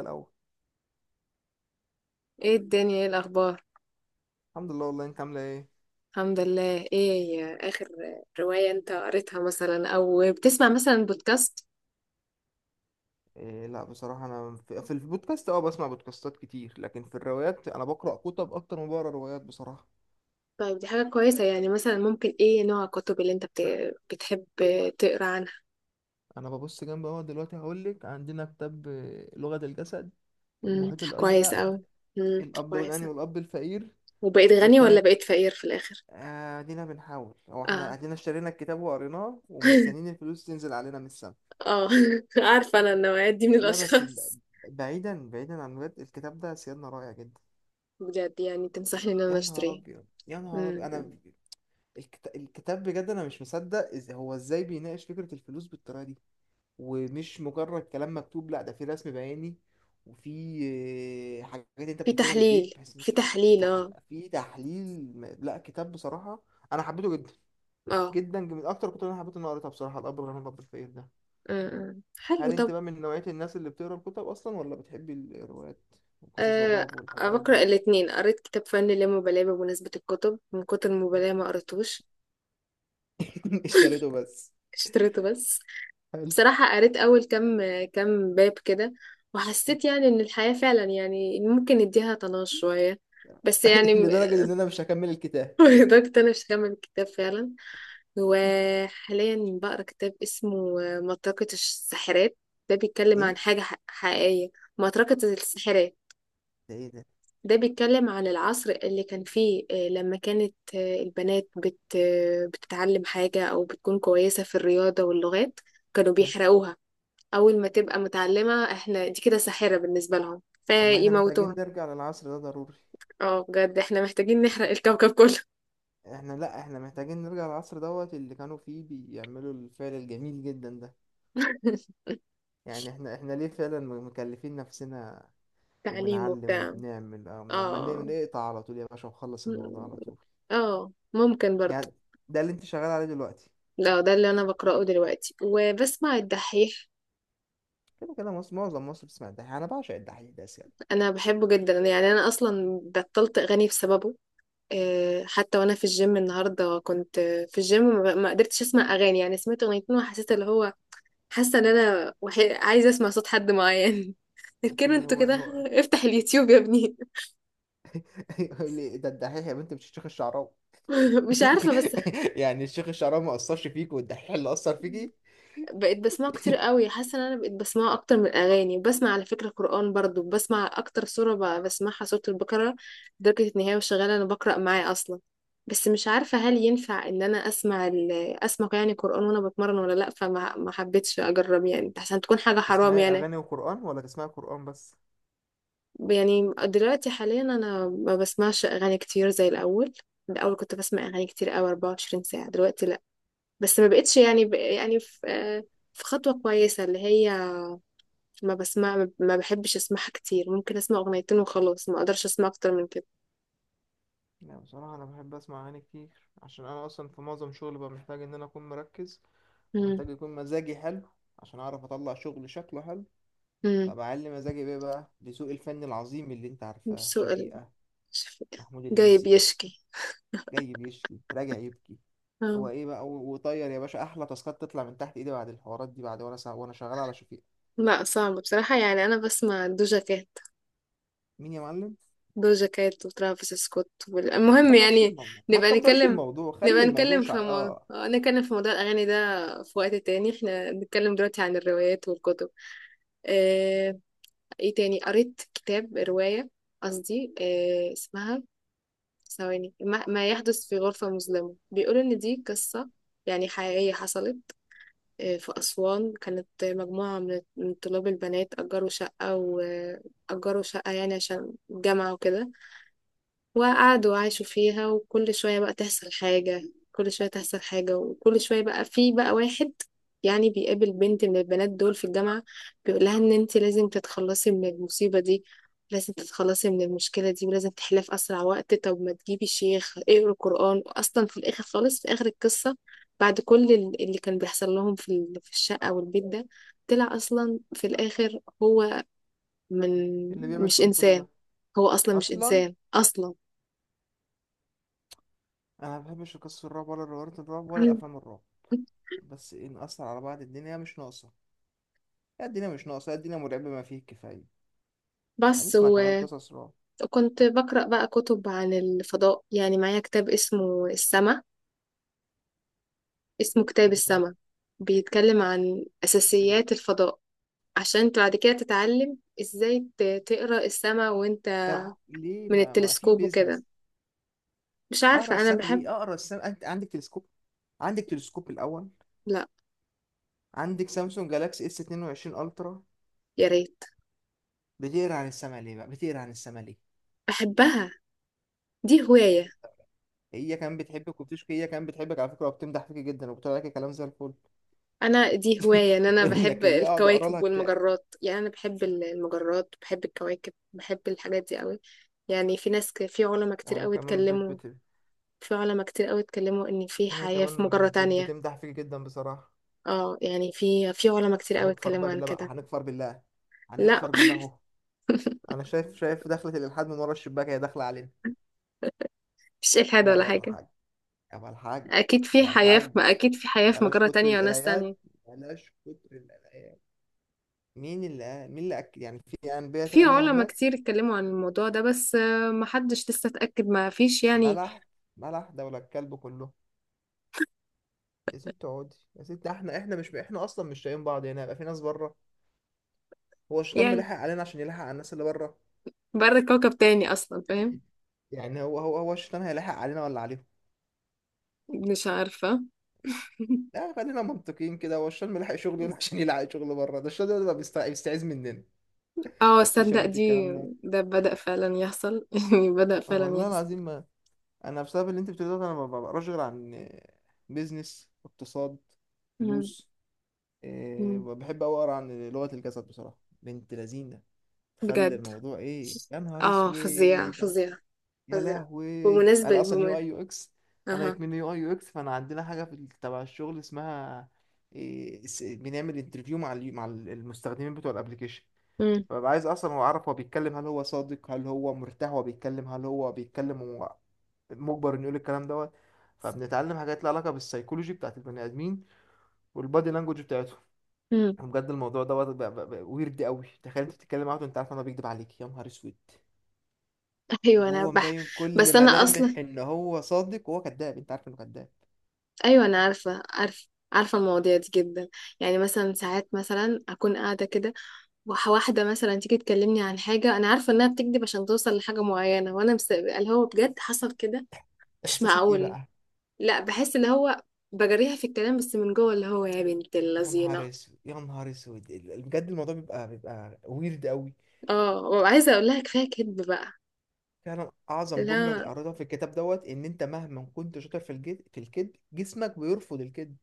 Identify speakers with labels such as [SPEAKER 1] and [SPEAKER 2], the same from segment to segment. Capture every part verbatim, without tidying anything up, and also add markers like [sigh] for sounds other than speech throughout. [SPEAKER 1] الاول.
[SPEAKER 2] ايه الدنيا، ايه الاخبار؟
[SPEAKER 1] الحمد لله، والله انت عامله ايه؟
[SPEAKER 2] الحمد لله. ايه اخر رواية انت قريتها مثلا، او بتسمع مثلا بودكاست؟
[SPEAKER 1] إيه، لا بصراحه انا في, في البودكاست اه بسمع بودكاستات كتير، لكن في الروايات انا بقرا كتب اكتر ما بقرا روايات بصراحه.
[SPEAKER 2] طيب، دي حاجة كويسة. يعني مثلا ممكن ايه نوع الكتب اللي انت بت... بتحب تقرا عنها؟
[SPEAKER 1] انا ببص جنب اهو دلوقتي هقول لك عندنا كتاب آه، لغه الجسد،
[SPEAKER 2] امم
[SPEAKER 1] المحيط
[SPEAKER 2] كويس
[SPEAKER 1] الازرق،
[SPEAKER 2] اوي. امم
[SPEAKER 1] الاب الغني
[SPEAKER 2] كويسة.
[SPEAKER 1] والاب الفقير
[SPEAKER 2] وبقيت غني ولا
[SPEAKER 1] التام.
[SPEAKER 2] بقيت فقير في الاخر؟
[SPEAKER 1] ادينا بنحاول، هو احنا
[SPEAKER 2] اه.
[SPEAKER 1] ادينا اشترينا الكتاب وقريناه ومستنيين
[SPEAKER 2] [laughs]
[SPEAKER 1] الفلوس تنزل علينا من السما.
[SPEAKER 2] اه. [laughs] عارفة انا النوعية دي من
[SPEAKER 1] لا بس ب-
[SPEAKER 2] الاشخاص.
[SPEAKER 1] بعيدا بعيدا عن الولاد، الكتاب ده سيادنا رائع جدا.
[SPEAKER 2] بجد؟ يعني تنصحني ان انا
[SPEAKER 1] يا نهار
[SPEAKER 2] اشتريه؟
[SPEAKER 1] ابيض يا نهار ابيض،
[SPEAKER 2] امم
[SPEAKER 1] انا الكت- الكتاب بجد انا مش مصدق إز- هو ازاي بيناقش فكرة الفلوس بالطريقة دي. ومش مجرد كلام مكتوب، لا ده في رسم بياني، وفي آه، حاجات انت
[SPEAKER 2] في
[SPEAKER 1] بتكتبها بايديك
[SPEAKER 2] تحليل
[SPEAKER 1] بحيث إن
[SPEAKER 2] في
[SPEAKER 1] في
[SPEAKER 2] تحليل
[SPEAKER 1] تح-
[SPEAKER 2] اه.
[SPEAKER 1] في تحليل م- لا كتاب بصراحة، انا حبيته جدا
[SPEAKER 2] اه.
[SPEAKER 1] جدا، من اكتر الكتب اللي انا حبيت ان أنا قريتها بصراحة، الاب الغني والاب الفقير ده.
[SPEAKER 2] امم حلو.
[SPEAKER 1] هل انت
[SPEAKER 2] طب،
[SPEAKER 1] بقى من نوعية الناس اللي بتقرا الكتب اصلا، ولا بتحبي الروايات وقصص
[SPEAKER 2] أه،
[SPEAKER 1] الرعب والحوارات دي؟
[SPEAKER 2] بقرأ الاتنين. قريت كتاب فن اللامبالاة. بمناسبة الكتب، من كتر المبالاة ما قريتهوش.
[SPEAKER 1] [laughs] اشتريته بس.
[SPEAKER 2] [laughs] اشتريته بس.
[SPEAKER 1] حلو.
[SPEAKER 2] بصراحة قريت أول كام كام باب كده، وحسيت يعني إن الحياة فعلا يعني ممكن نديها طناش شوية. بس يعني
[SPEAKER 1] [laughs]
[SPEAKER 2] م-
[SPEAKER 1] لدرجة ان انا مش هكمل الكتاب.
[SPEAKER 2] [laughs] لدرجة أنا مش هكمل الكتاب فعلا. وحاليا بقرا كتاب اسمه آه، مطرقة الساحرات. ده بيتكلم عن
[SPEAKER 1] ايه
[SPEAKER 2] حاجة ح- حقيقية. مطرقة الساحرات،
[SPEAKER 1] ده، ايه ده؟
[SPEAKER 2] ده بيتكلم عن العصر اللي كان فيه، آه، لما كانت آه، البنات بت آه، بتتعلم حاجة أو بتكون كويسة في الرياضة واللغات، كانوا
[SPEAKER 1] ها.
[SPEAKER 2] بيحرقوها. أول ما تبقى متعلمة احنا دي كده ساحرة بالنسبة لهم
[SPEAKER 1] طب ما احنا محتاجين
[SPEAKER 2] فيموتوها.
[SPEAKER 1] نرجع للعصر ده ضروري.
[SPEAKER 2] اه، بجد احنا محتاجين نحرق الكوكب كله.
[SPEAKER 1] احنا، لا احنا محتاجين نرجع للعصر دوت اللي كانوا فيه بيعملوا الفعل الجميل جدا ده.
[SPEAKER 2] [laughs]
[SPEAKER 1] يعني احنا احنا ليه فعلا م- مكلفين نفسنا
[SPEAKER 2] تعليم
[SPEAKER 1] وبنعلم
[SPEAKER 2] وبتاع.
[SPEAKER 1] وبنعمل؟ اه، ما ن-
[SPEAKER 2] اه.
[SPEAKER 1] نقطع على طول يا باشا وخلص الموضوع على طول.
[SPEAKER 2] اه، ممكن برضه.
[SPEAKER 1] يعني ده اللي انت شغال عليه دلوقتي؟
[SPEAKER 2] لا، ده اللي انا بقراه دلوقتي وبسمع الدحيح.
[SPEAKER 1] كده كده مصر، معظم مصر بتسمع الدحيح، انا بعشق الدحيح ده يعني.
[SPEAKER 2] انا بحبه جدا. يعني انا اصلا بطلت اغاني بسببه. آه، حتى وانا في الجيم النهارده كنت آه، في الجيم، ما ما قدرتش اسمع اغاني. يعني سمعت اغنيتين وحسيت اللي هو، حاسه ان انا وحي... عايزه اسمع صوت حد معين. [laughs] لكن
[SPEAKER 1] هي
[SPEAKER 2] انتوا
[SPEAKER 1] هو
[SPEAKER 2] كده،
[SPEAKER 1] هو
[SPEAKER 2] افتح اليوتيوب يا ابني.
[SPEAKER 1] [laughs] يقول لي ده الدحيح يا بنت، مش الشيخ الشعراوي.
[SPEAKER 2] [laughs]
[SPEAKER 1] [laughs]
[SPEAKER 2] مش عارفه، بس
[SPEAKER 1] يعني الشيخ الشعراوي ما اثرش فيك والدحيح اللي اثر فيكي؟
[SPEAKER 2] بقيت بسمعه كتير قوي. حاسه ان انا بقيت بسمعه اكتر من الاغاني. وبسمع على فكره قران برضو. بسمع اكتر سوره ب- بسمعها سوره البقره. لدرجه ان هي وشغاله انا بقرا معاه اصلا. بس مش عارفه هل ينفع ان انا اسمع ال... اسمع يعني قران وانا بتمرن ولا لا. فما ما حبيتش اجرب يعني، عشان تكون حاجه حرام
[SPEAKER 1] تسمعي
[SPEAKER 2] يعني
[SPEAKER 1] أغاني وقرآن ولا تسمعي قرآن بس؟
[SPEAKER 2] يعني دلوقتي حاليا انا ما بسمعش اغاني كتير زي الاول. الاول كنت بسمع اغاني كتير قوي اربعة وعشرين ساعه، دلوقتي لا. بس ما بقتش يعني ب... يعني في... في خطوه كويسه اللي هي، ما بسمع ما بحبش اسمعها كتير. ممكن اسمع اغنيتين وخلاص، ما اقدرش اسمع اكتر من كده.
[SPEAKER 1] لا بصراحة أنا بحب أسمع أغاني كتير. عشان أنا أصلا في معظم شغلي ببقى محتاج إن أنا أكون مركز
[SPEAKER 2] امم
[SPEAKER 1] ومحتاج يكون مزاجي حلو عشان أعرف أطلع شغل شكله حلو.
[SPEAKER 2] امم
[SPEAKER 1] فبعلي مزاجي بيه بقى لذوق الفن العظيم اللي أنت عارفاه،
[SPEAKER 2] سؤال،
[SPEAKER 1] شفيقة، محمود
[SPEAKER 2] جاي
[SPEAKER 1] الليثي،
[SPEAKER 2] بيشكي؟
[SPEAKER 1] جاي بيشكي راجع يبكي،
[SPEAKER 2] اه.
[SPEAKER 1] هو إيه بقى و- وطير يا باشا. أحلى تاسكات تطلع من تحت إيدي بعد الحوارات دي، بعد وأنا سا... وأنا شغال على شفيقة.
[SPEAKER 2] لا، صعب بصراحة. يعني انا بسمع دوجا كات،
[SPEAKER 1] مين يا معلم؟
[SPEAKER 2] دوجا كات وترافيس سكوت وال-
[SPEAKER 1] ما
[SPEAKER 2] المهم
[SPEAKER 1] تكبرش
[SPEAKER 2] يعني.
[SPEAKER 1] الموضوع، ما
[SPEAKER 2] نبقى
[SPEAKER 1] تكبرش
[SPEAKER 2] نتكلم
[SPEAKER 1] الموضوع، خلي
[SPEAKER 2] نبقى
[SPEAKER 1] الموضوع
[SPEAKER 2] نتكلم
[SPEAKER 1] شع...
[SPEAKER 2] في مو...
[SPEAKER 1] آه
[SPEAKER 2] آه، نتكلم في موضوع الأغاني ده في وقت تاني. احنا بنتكلم دلوقتي عن الروايات والكتب. اه... ايه تاني قريت كتاب رواية؟ قصدي اه... اسمها ثواني، ما, ما يحدث في غرفة مظلمة. بيقول إن دي قصة يعني حقيقية حصلت. آه، في أسوان كانت آه، مجموعة من من طلاب البنات أجروا شقة، وأجروا شقة يعني عشان الجامعة وكده، وقعدوا وعاشوا فيها. وكل شوية بقى تحصل حاجة، كل شوية تحصل حاجة. وكل شوية بقى في بقى واحد يعني بيقابل بنت من البنات دول في الجامعة، بيقول لها ان انت لازم تتخلصي من المصيبة دي، لازم تتخلصي من المشكلة دي ولازم تحلها في أسرع وقت. طب ما تجيبي شيخ اقري قرآن. أصلا في الآخر خالص، في آخر القصة، بعد كل ال- اللي كان بيحصل لهم في ال- في الشقة والبيت ده، طلع أصلا في الآخر هو من
[SPEAKER 1] اللي بيعمل
[SPEAKER 2] مش
[SPEAKER 1] فيهم كل ده
[SPEAKER 2] إنسان. هو أصلا مش
[SPEAKER 1] اصلا.
[SPEAKER 2] إنسان أصلا.
[SPEAKER 1] انا ما بحبش قصص الرعب ولا روايات الرعب ولا الافلام الرعب، عشان بس ايه نأثر على بعض، الدنيا مش ناقصه. يا الدنيا مش ناقصه يا الدنيا مرعبه ما فيه الكفايه،
[SPEAKER 2] بس
[SPEAKER 1] هنسمع كمان
[SPEAKER 2] و-
[SPEAKER 1] قصص رعب.
[SPEAKER 2] وكنت بقرأ بقى كتب عن الفضاء، يعني معايا كتاب اسمه السماء اسمه كتاب
[SPEAKER 1] مم.
[SPEAKER 2] السماء. بيتكلم عن
[SPEAKER 1] بس كده؟
[SPEAKER 2] أساسيات الفضاء، عشان انت بعد كده تتعلم ازاي ت- تقرأ السماء وانت
[SPEAKER 1] طب ليه
[SPEAKER 2] من
[SPEAKER 1] ما, ما في
[SPEAKER 2] التلسكوب وكده.
[SPEAKER 1] بيزنس
[SPEAKER 2] مش
[SPEAKER 1] اقرا
[SPEAKER 2] عارفة، انا
[SPEAKER 1] السنه؟
[SPEAKER 2] بحب.
[SPEAKER 1] ليه اقرا السنه؟ انت عندك تلسكوب؟ عندك تلسكوب الاول؟
[SPEAKER 2] لا،
[SPEAKER 1] عندك سامسونج جالاكسي اس اتنين وعشرين الترا؟
[SPEAKER 2] يا ريت.
[SPEAKER 1] بتقرا عن السما ليه بقى، بتقرا عن السما ليه؟
[SPEAKER 2] بحبها، دي هواية.
[SPEAKER 1] هي كمان بتحبك وبتشكي، هي كمان بتحبك على فكره وبتمدح فيك جدا وبتقول لك كلام زي الفل.
[SPEAKER 2] انا دي هواية، ان
[SPEAKER 1] [laughs]
[SPEAKER 2] انا بحب
[SPEAKER 1] انك اللي اقعد اقرا لها
[SPEAKER 2] الكواكب
[SPEAKER 1] كتاب.
[SPEAKER 2] والمجرات. يعني انا بحب ال- المجرات، بحب الكواكب، بحب الحاجات دي قوي. يعني في ناس ك- في علماء كتير
[SPEAKER 1] أنا
[SPEAKER 2] قوي
[SPEAKER 1] كمان بت
[SPEAKER 2] اتكلموا
[SPEAKER 1] بت
[SPEAKER 2] في علماء كتير قوي اتكلموا ان في
[SPEAKER 1] هي
[SPEAKER 2] حياة
[SPEAKER 1] كمان
[SPEAKER 2] في مجرة
[SPEAKER 1] بت-
[SPEAKER 2] تانية.
[SPEAKER 1] بتمدح فيك جدا بصراحة.
[SPEAKER 2] اه، يعني في في علماء كتير قوي
[SPEAKER 1] هنكفر
[SPEAKER 2] اتكلموا
[SPEAKER 1] بقى
[SPEAKER 2] عن
[SPEAKER 1] بالله بقى،
[SPEAKER 2] كده.
[SPEAKER 1] هنكفر بالله،
[SPEAKER 2] لا.
[SPEAKER 1] هنكفر بالله اهو. انا شايف، شايف دخلة الالحاد من ورا الشباك هي داخلة علينا.
[SPEAKER 2] [laughs] مش إلحاد
[SPEAKER 1] لا
[SPEAKER 2] ولا
[SPEAKER 1] يابا
[SPEAKER 2] حاجة.
[SPEAKER 1] الحاج، يابا الحاج،
[SPEAKER 2] اكيد في
[SPEAKER 1] يابا
[SPEAKER 2] حياة، في
[SPEAKER 1] الحاج،
[SPEAKER 2] ما اكيد في حياة في
[SPEAKER 1] بلاش
[SPEAKER 2] مجرة
[SPEAKER 1] كتر
[SPEAKER 2] تانية وناس تانية.
[SPEAKER 1] القرايات، بلاش كتر القرايات. مين اللي قال- مين اللي اكد يعني في انبياء
[SPEAKER 2] في
[SPEAKER 1] تانية
[SPEAKER 2] علماء
[SPEAKER 1] هناك؟
[SPEAKER 2] كتير اتكلموا عن الموضوع ده، بس آه، محدش لسه اتأكد، ما فيش يعني.
[SPEAKER 1] ملح، ملح دولة الكلب كله. يا ست اقعدي يا ست، احنا احنا مش احنا اصلا مش شايفين بعض هنا، يبقى في ناس بره؟ هو الشيطان
[SPEAKER 2] يعني
[SPEAKER 1] بيلحق علينا عشان يلحق على الناس اللي بره؟
[SPEAKER 2] بره كوكب تاني اصلا، فاهم؟
[SPEAKER 1] يعني هو هو هو الشيطان هيلحق علينا ولا عليهم؟
[SPEAKER 2] مش عارفة. [laughs]
[SPEAKER 1] لا خلينا منطقيين كده، هو الشام لحق شغل هنا؟ [laughs] عشان يلحق شغل بره؟ ده الشام ده بيبقى بيستع- بيستعيذ مننا.
[SPEAKER 2] اه،
[SPEAKER 1] مفيش يا
[SPEAKER 2] صدق
[SPEAKER 1] بنت
[SPEAKER 2] دي.
[SPEAKER 1] الكلام ده،
[SPEAKER 2] ده بدأ فعلا يحصل. [laughs] يعني بدأ فعلا
[SPEAKER 1] والله
[SPEAKER 2] يحصل.
[SPEAKER 1] العظيم ما انا بسبب اللي انت بتقوله ده انا ما بقراش غير عن بيزنس، اقتصاد،
[SPEAKER 2] مم.
[SPEAKER 1] فلوس. إيه،
[SPEAKER 2] مم.
[SPEAKER 1] بحب أوي اقرا عن لغة الجسد بصراحة، بنت لذينة تخلي
[SPEAKER 2] بجد؟
[SPEAKER 1] الموضوع ايه، يا نهار
[SPEAKER 2] اه، فظيع
[SPEAKER 1] اسود.
[SPEAKER 2] فظيع
[SPEAKER 1] يا
[SPEAKER 2] فظيعة.
[SPEAKER 1] لهوي.
[SPEAKER 2] بمناسبة
[SPEAKER 1] انا اصلا يو
[SPEAKER 2] بمناسبة
[SPEAKER 1] اي يو اكس، انا
[SPEAKER 2] اها.
[SPEAKER 1] من يو اي يو اكس، فانا عندنا حاجه في ال- تبع الشغل اسمها إيه س- بنعمل انترفيو مع ال- مع ال- المستخدمين بتوع الابليكيشن.
[SPEAKER 2] امم
[SPEAKER 1] فببقى عايز اصلا اعرف هو بيتكلم، هل هو صادق، هل هو مرتاح وهو بيتكلم، هل هو بيتكلم وهو مجبر انه يقول الكلام دوت. فبنتعلم حاجات لها علاقه بالسيكولوجي بتاعت البني ادمين والبادي لانجوج بتاعتهم.
[SPEAKER 2] امم
[SPEAKER 1] وبجد الموضوع دوت بقى ويرد قوي، تخيل انت بتتكلم معاه وانت عارف ان هو بيكذب عليك، يا نهار اسود.
[SPEAKER 2] [laughs] ايوه، انا
[SPEAKER 1] وهو
[SPEAKER 2] بح
[SPEAKER 1] مبين كل
[SPEAKER 2] بس انا اصلا،
[SPEAKER 1] ملامح ان هو صادق وهو كذاب، انت عارف انه كذاب.
[SPEAKER 2] ايوه انا عارفة، عارفة عارفة المواضيع دي جدا. يعني مثلا ساعات مثلا اكون قاعدة كده، وح- واحدة مثلا تيجي تكلمني عن حاجة انا عارفة انها بتكذب عشان توصل لحاجة معينة، وانا مس... اللي هو بجد حصل كده، مش
[SPEAKER 1] احساسك ايه
[SPEAKER 2] معقول.
[SPEAKER 1] بقى؟
[SPEAKER 2] لا، بحس اللي هو، بجريها في الكلام بس من جوه اللي هو يا بنت
[SPEAKER 1] يا
[SPEAKER 2] اللذينة.
[SPEAKER 1] نهار اسود يا نهار اسود، ال- بجد الموضوع بيبقى بيبقى ويرد قوي.
[SPEAKER 2] اه، وعايزة اقول لها كفاية كذب بقى.
[SPEAKER 1] فعلا اعظم جمله
[SPEAKER 2] لا.
[SPEAKER 1] قريتها في الكتاب دوت ان انت مهما كنت شاطر في الجد في الكذب، جسمك بيرفض الكذب.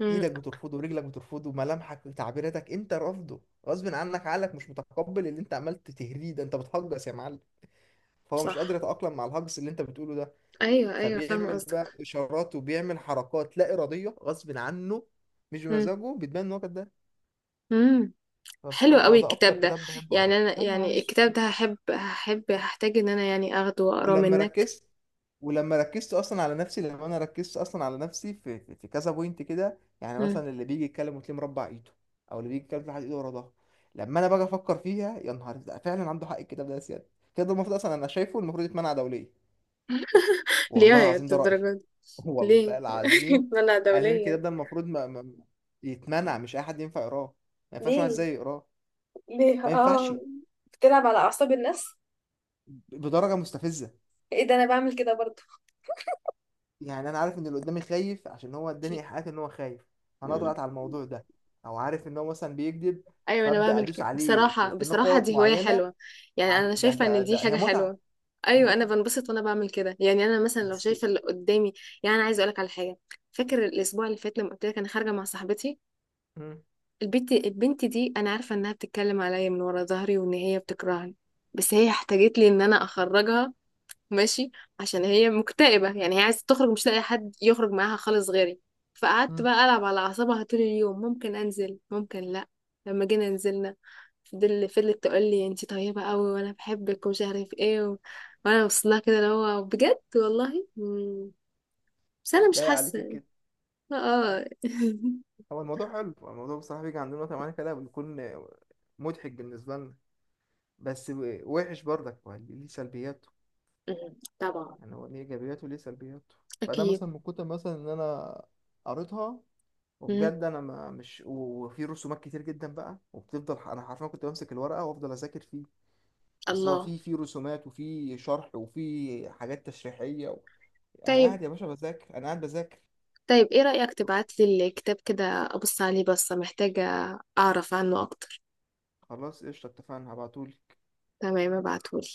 [SPEAKER 2] امم
[SPEAKER 1] ايدك بترفضه ورجلك بترفضه، ملامحك وتعبيراتك انت رافضه، غصب عنك، عقلك مش متقبل اللي انت عملت تهريه ده، انت بتهجس يا معلم. فهو مش
[SPEAKER 2] صح.
[SPEAKER 1] قادر يتأقلم مع الهجس اللي انت بتقوله ده،
[SPEAKER 2] ايوه، ايوه، فاهمة
[SPEAKER 1] فبيعمل
[SPEAKER 2] قصدك.
[SPEAKER 1] بقى اشارات وبيعمل حركات لا اراديه غصب عنه، مش بمزاجه، بتبان ان هو كده.
[SPEAKER 2] امم حلو
[SPEAKER 1] فبصراحه
[SPEAKER 2] قوي
[SPEAKER 1] ده اكتر
[SPEAKER 2] الكتاب ده.
[SPEAKER 1] كتاب بحب اقراه،
[SPEAKER 2] يعني انا،
[SPEAKER 1] يا نهار
[SPEAKER 2] يعني الكتاب
[SPEAKER 1] اسود.
[SPEAKER 2] ده هحب هحب هحتاج ان انا يعني اخده واقراه
[SPEAKER 1] ولما
[SPEAKER 2] منك.
[SPEAKER 1] ركزت ولما ركزت اصلا على نفسي، لما انا ركزت اصلا على نفسي في في, في, كذا بوينت كده، يعني
[SPEAKER 2] مم.
[SPEAKER 1] مثلا اللي بيجي يتكلم وتلاقيه مربع ايده، او اللي بيجي يتكلم تلاقي ايده ورا ظهره. لما انا باجي افكر فيها، يا نهار ده فعلا عنده حق الكتاب ده. يا سيادة الكتاب ده المفروض اصلا، انا شايفه المفروض يتمنع دوليا،
[SPEAKER 2] ليه
[SPEAKER 1] والله
[SPEAKER 2] يا
[SPEAKER 1] العظيم ده رأيي.
[SPEAKER 2] الدرجة دي؟
[SPEAKER 1] [laughs]
[SPEAKER 2] ليه؟
[SPEAKER 1] والله العظيم
[SPEAKER 2] [laughs] منع
[SPEAKER 1] انا شايف
[SPEAKER 2] دوليا؟
[SPEAKER 1] الكتاب ده المفروض ما... ما... يتمنع، مش اي حد ينفع يقراه، ما ينفعش واحد
[SPEAKER 2] ليه؟
[SPEAKER 1] زيي يقراه.
[SPEAKER 2] ليه؟
[SPEAKER 1] ما ينفعش،
[SPEAKER 2] اه. بتلعب على اعصاب الناس.
[SPEAKER 1] بدرجه مستفزه.
[SPEAKER 2] ايه ده، انا بعمل كده برضه؟
[SPEAKER 1] يعني انا عارف ان اللي قدامي خايف، عشان هو اداني ايحاءات ان هو خايف، انا
[SPEAKER 2] مم.
[SPEAKER 1] اضغط على الموضوع ده. او عارف ان هو مثلا بيكذب،
[SPEAKER 2] ايوه، انا
[SPEAKER 1] فابدا
[SPEAKER 2] بعمل
[SPEAKER 1] ادوس
[SPEAKER 2] كده.
[SPEAKER 1] عليه في
[SPEAKER 2] بصراحة،
[SPEAKER 1] في
[SPEAKER 2] بصراحة
[SPEAKER 1] نقاط
[SPEAKER 2] دي هواية
[SPEAKER 1] معينه.
[SPEAKER 2] حلوة. يعني
[SPEAKER 1] ع-
[SPEAKER 2] انا
[SPEAKER 1] ده
[SPEAKER 2] شايفة
[SPEAKER 1] ده
[SPEAKER 2] ان دي
[SPEAKER 1] ده
[SPEAKER 2] حاجة
[SPEAKER 1] هي متعه،
[SPEAKER 2] حلوة.
[SPEAKER 1] هي
[SPEAKER 2] ايوه، انا
[SPEAKER 1] متعه
[SPEAKER 2] بنبسط وانا بعمل كده. يعني انا مثلا لو
[SPEAKER 1] بس.
[SPEAKER 2] شايفة اللي قدامي، يعني انا عايزة اقولك على حاجة. فاكر الاسبوع اللي فات لما قلت لك انا خارجة مع صاحبتي؟
[SPEAKER 1] مم.
[SPEAKER 2] البنت البنت دي انا عارفه انها بتتكلم عليا من ورا ظهري، وان هي بتكرهني. بس هي احتاجت لي ان انا اخرجها. ماشي، عشان هي مكتئبه، يعني هي عايزه تخرج، مش لاقي حد يخرج معاها خالص غيري. فقعدت
[SPEAKER 1] مم.
[SPEAKER 2] بقى العب على اعصابها طول اليوم، ممكن انزل ممكن لا. لما جينا نزلنا، فضل فضلت تقول لي انت طيبه قوي وانا بحبك ومش عارف ايه و... وانا وصلها كده اللي هو بجد والله. مم. بس انا مش
[SPEAKER 1] لا عليك
[SPEAKER 2] حاسه.
[SPEAKER 1] كده.
[SPEAKER 2] اه. [laughs]
[SPEAKER 1] هو الموضوع حلو، هو الموضوع بصراحه بيجي عندنا وقت معينه كده بنكون مضحك بالنسبه لنا، بس و- وحش برضك، ما ليه، ليه سلبياته.
[SPEAKER 2] مم. طبعا.
[SPEAKER 1] يعني هو ليه ايجابياته وليه سلبياته. فده
[SPEAKER 2] اكيد.
[SPEAKER 1] مثلا من كتر مثلا ان انا قريتها،
[SPEAKER 2] مم.
[SPEAKER 1] وبجد انا ما مش و- وفي رسومات كتير جدا بقى، وبتفضل ح- انا حرفيا كنت بمسك الورقه وافضل اذاكر فيه. اصل هو
[SPEAKER 2] الله.
[SPEAKER 1] في في رسومات وفي شرح وفي حاجات تشريحيه و... انا
[SPEAKER 2] طيب،
[SPEAKER 1] قاعد يا باشا بذاكر، انا قاعد بذاكر.
[SPEAKER 2] طيب ايه رأيك تبعت لي الكتاب كده، ابص عليه، بس محتاجة اعرف عنه اكتر.
[SPEAKER 1] خلاص قشطه، اتفقنا، هبعتولي.
[SPEAKER 2] تمام، ابعتهولي.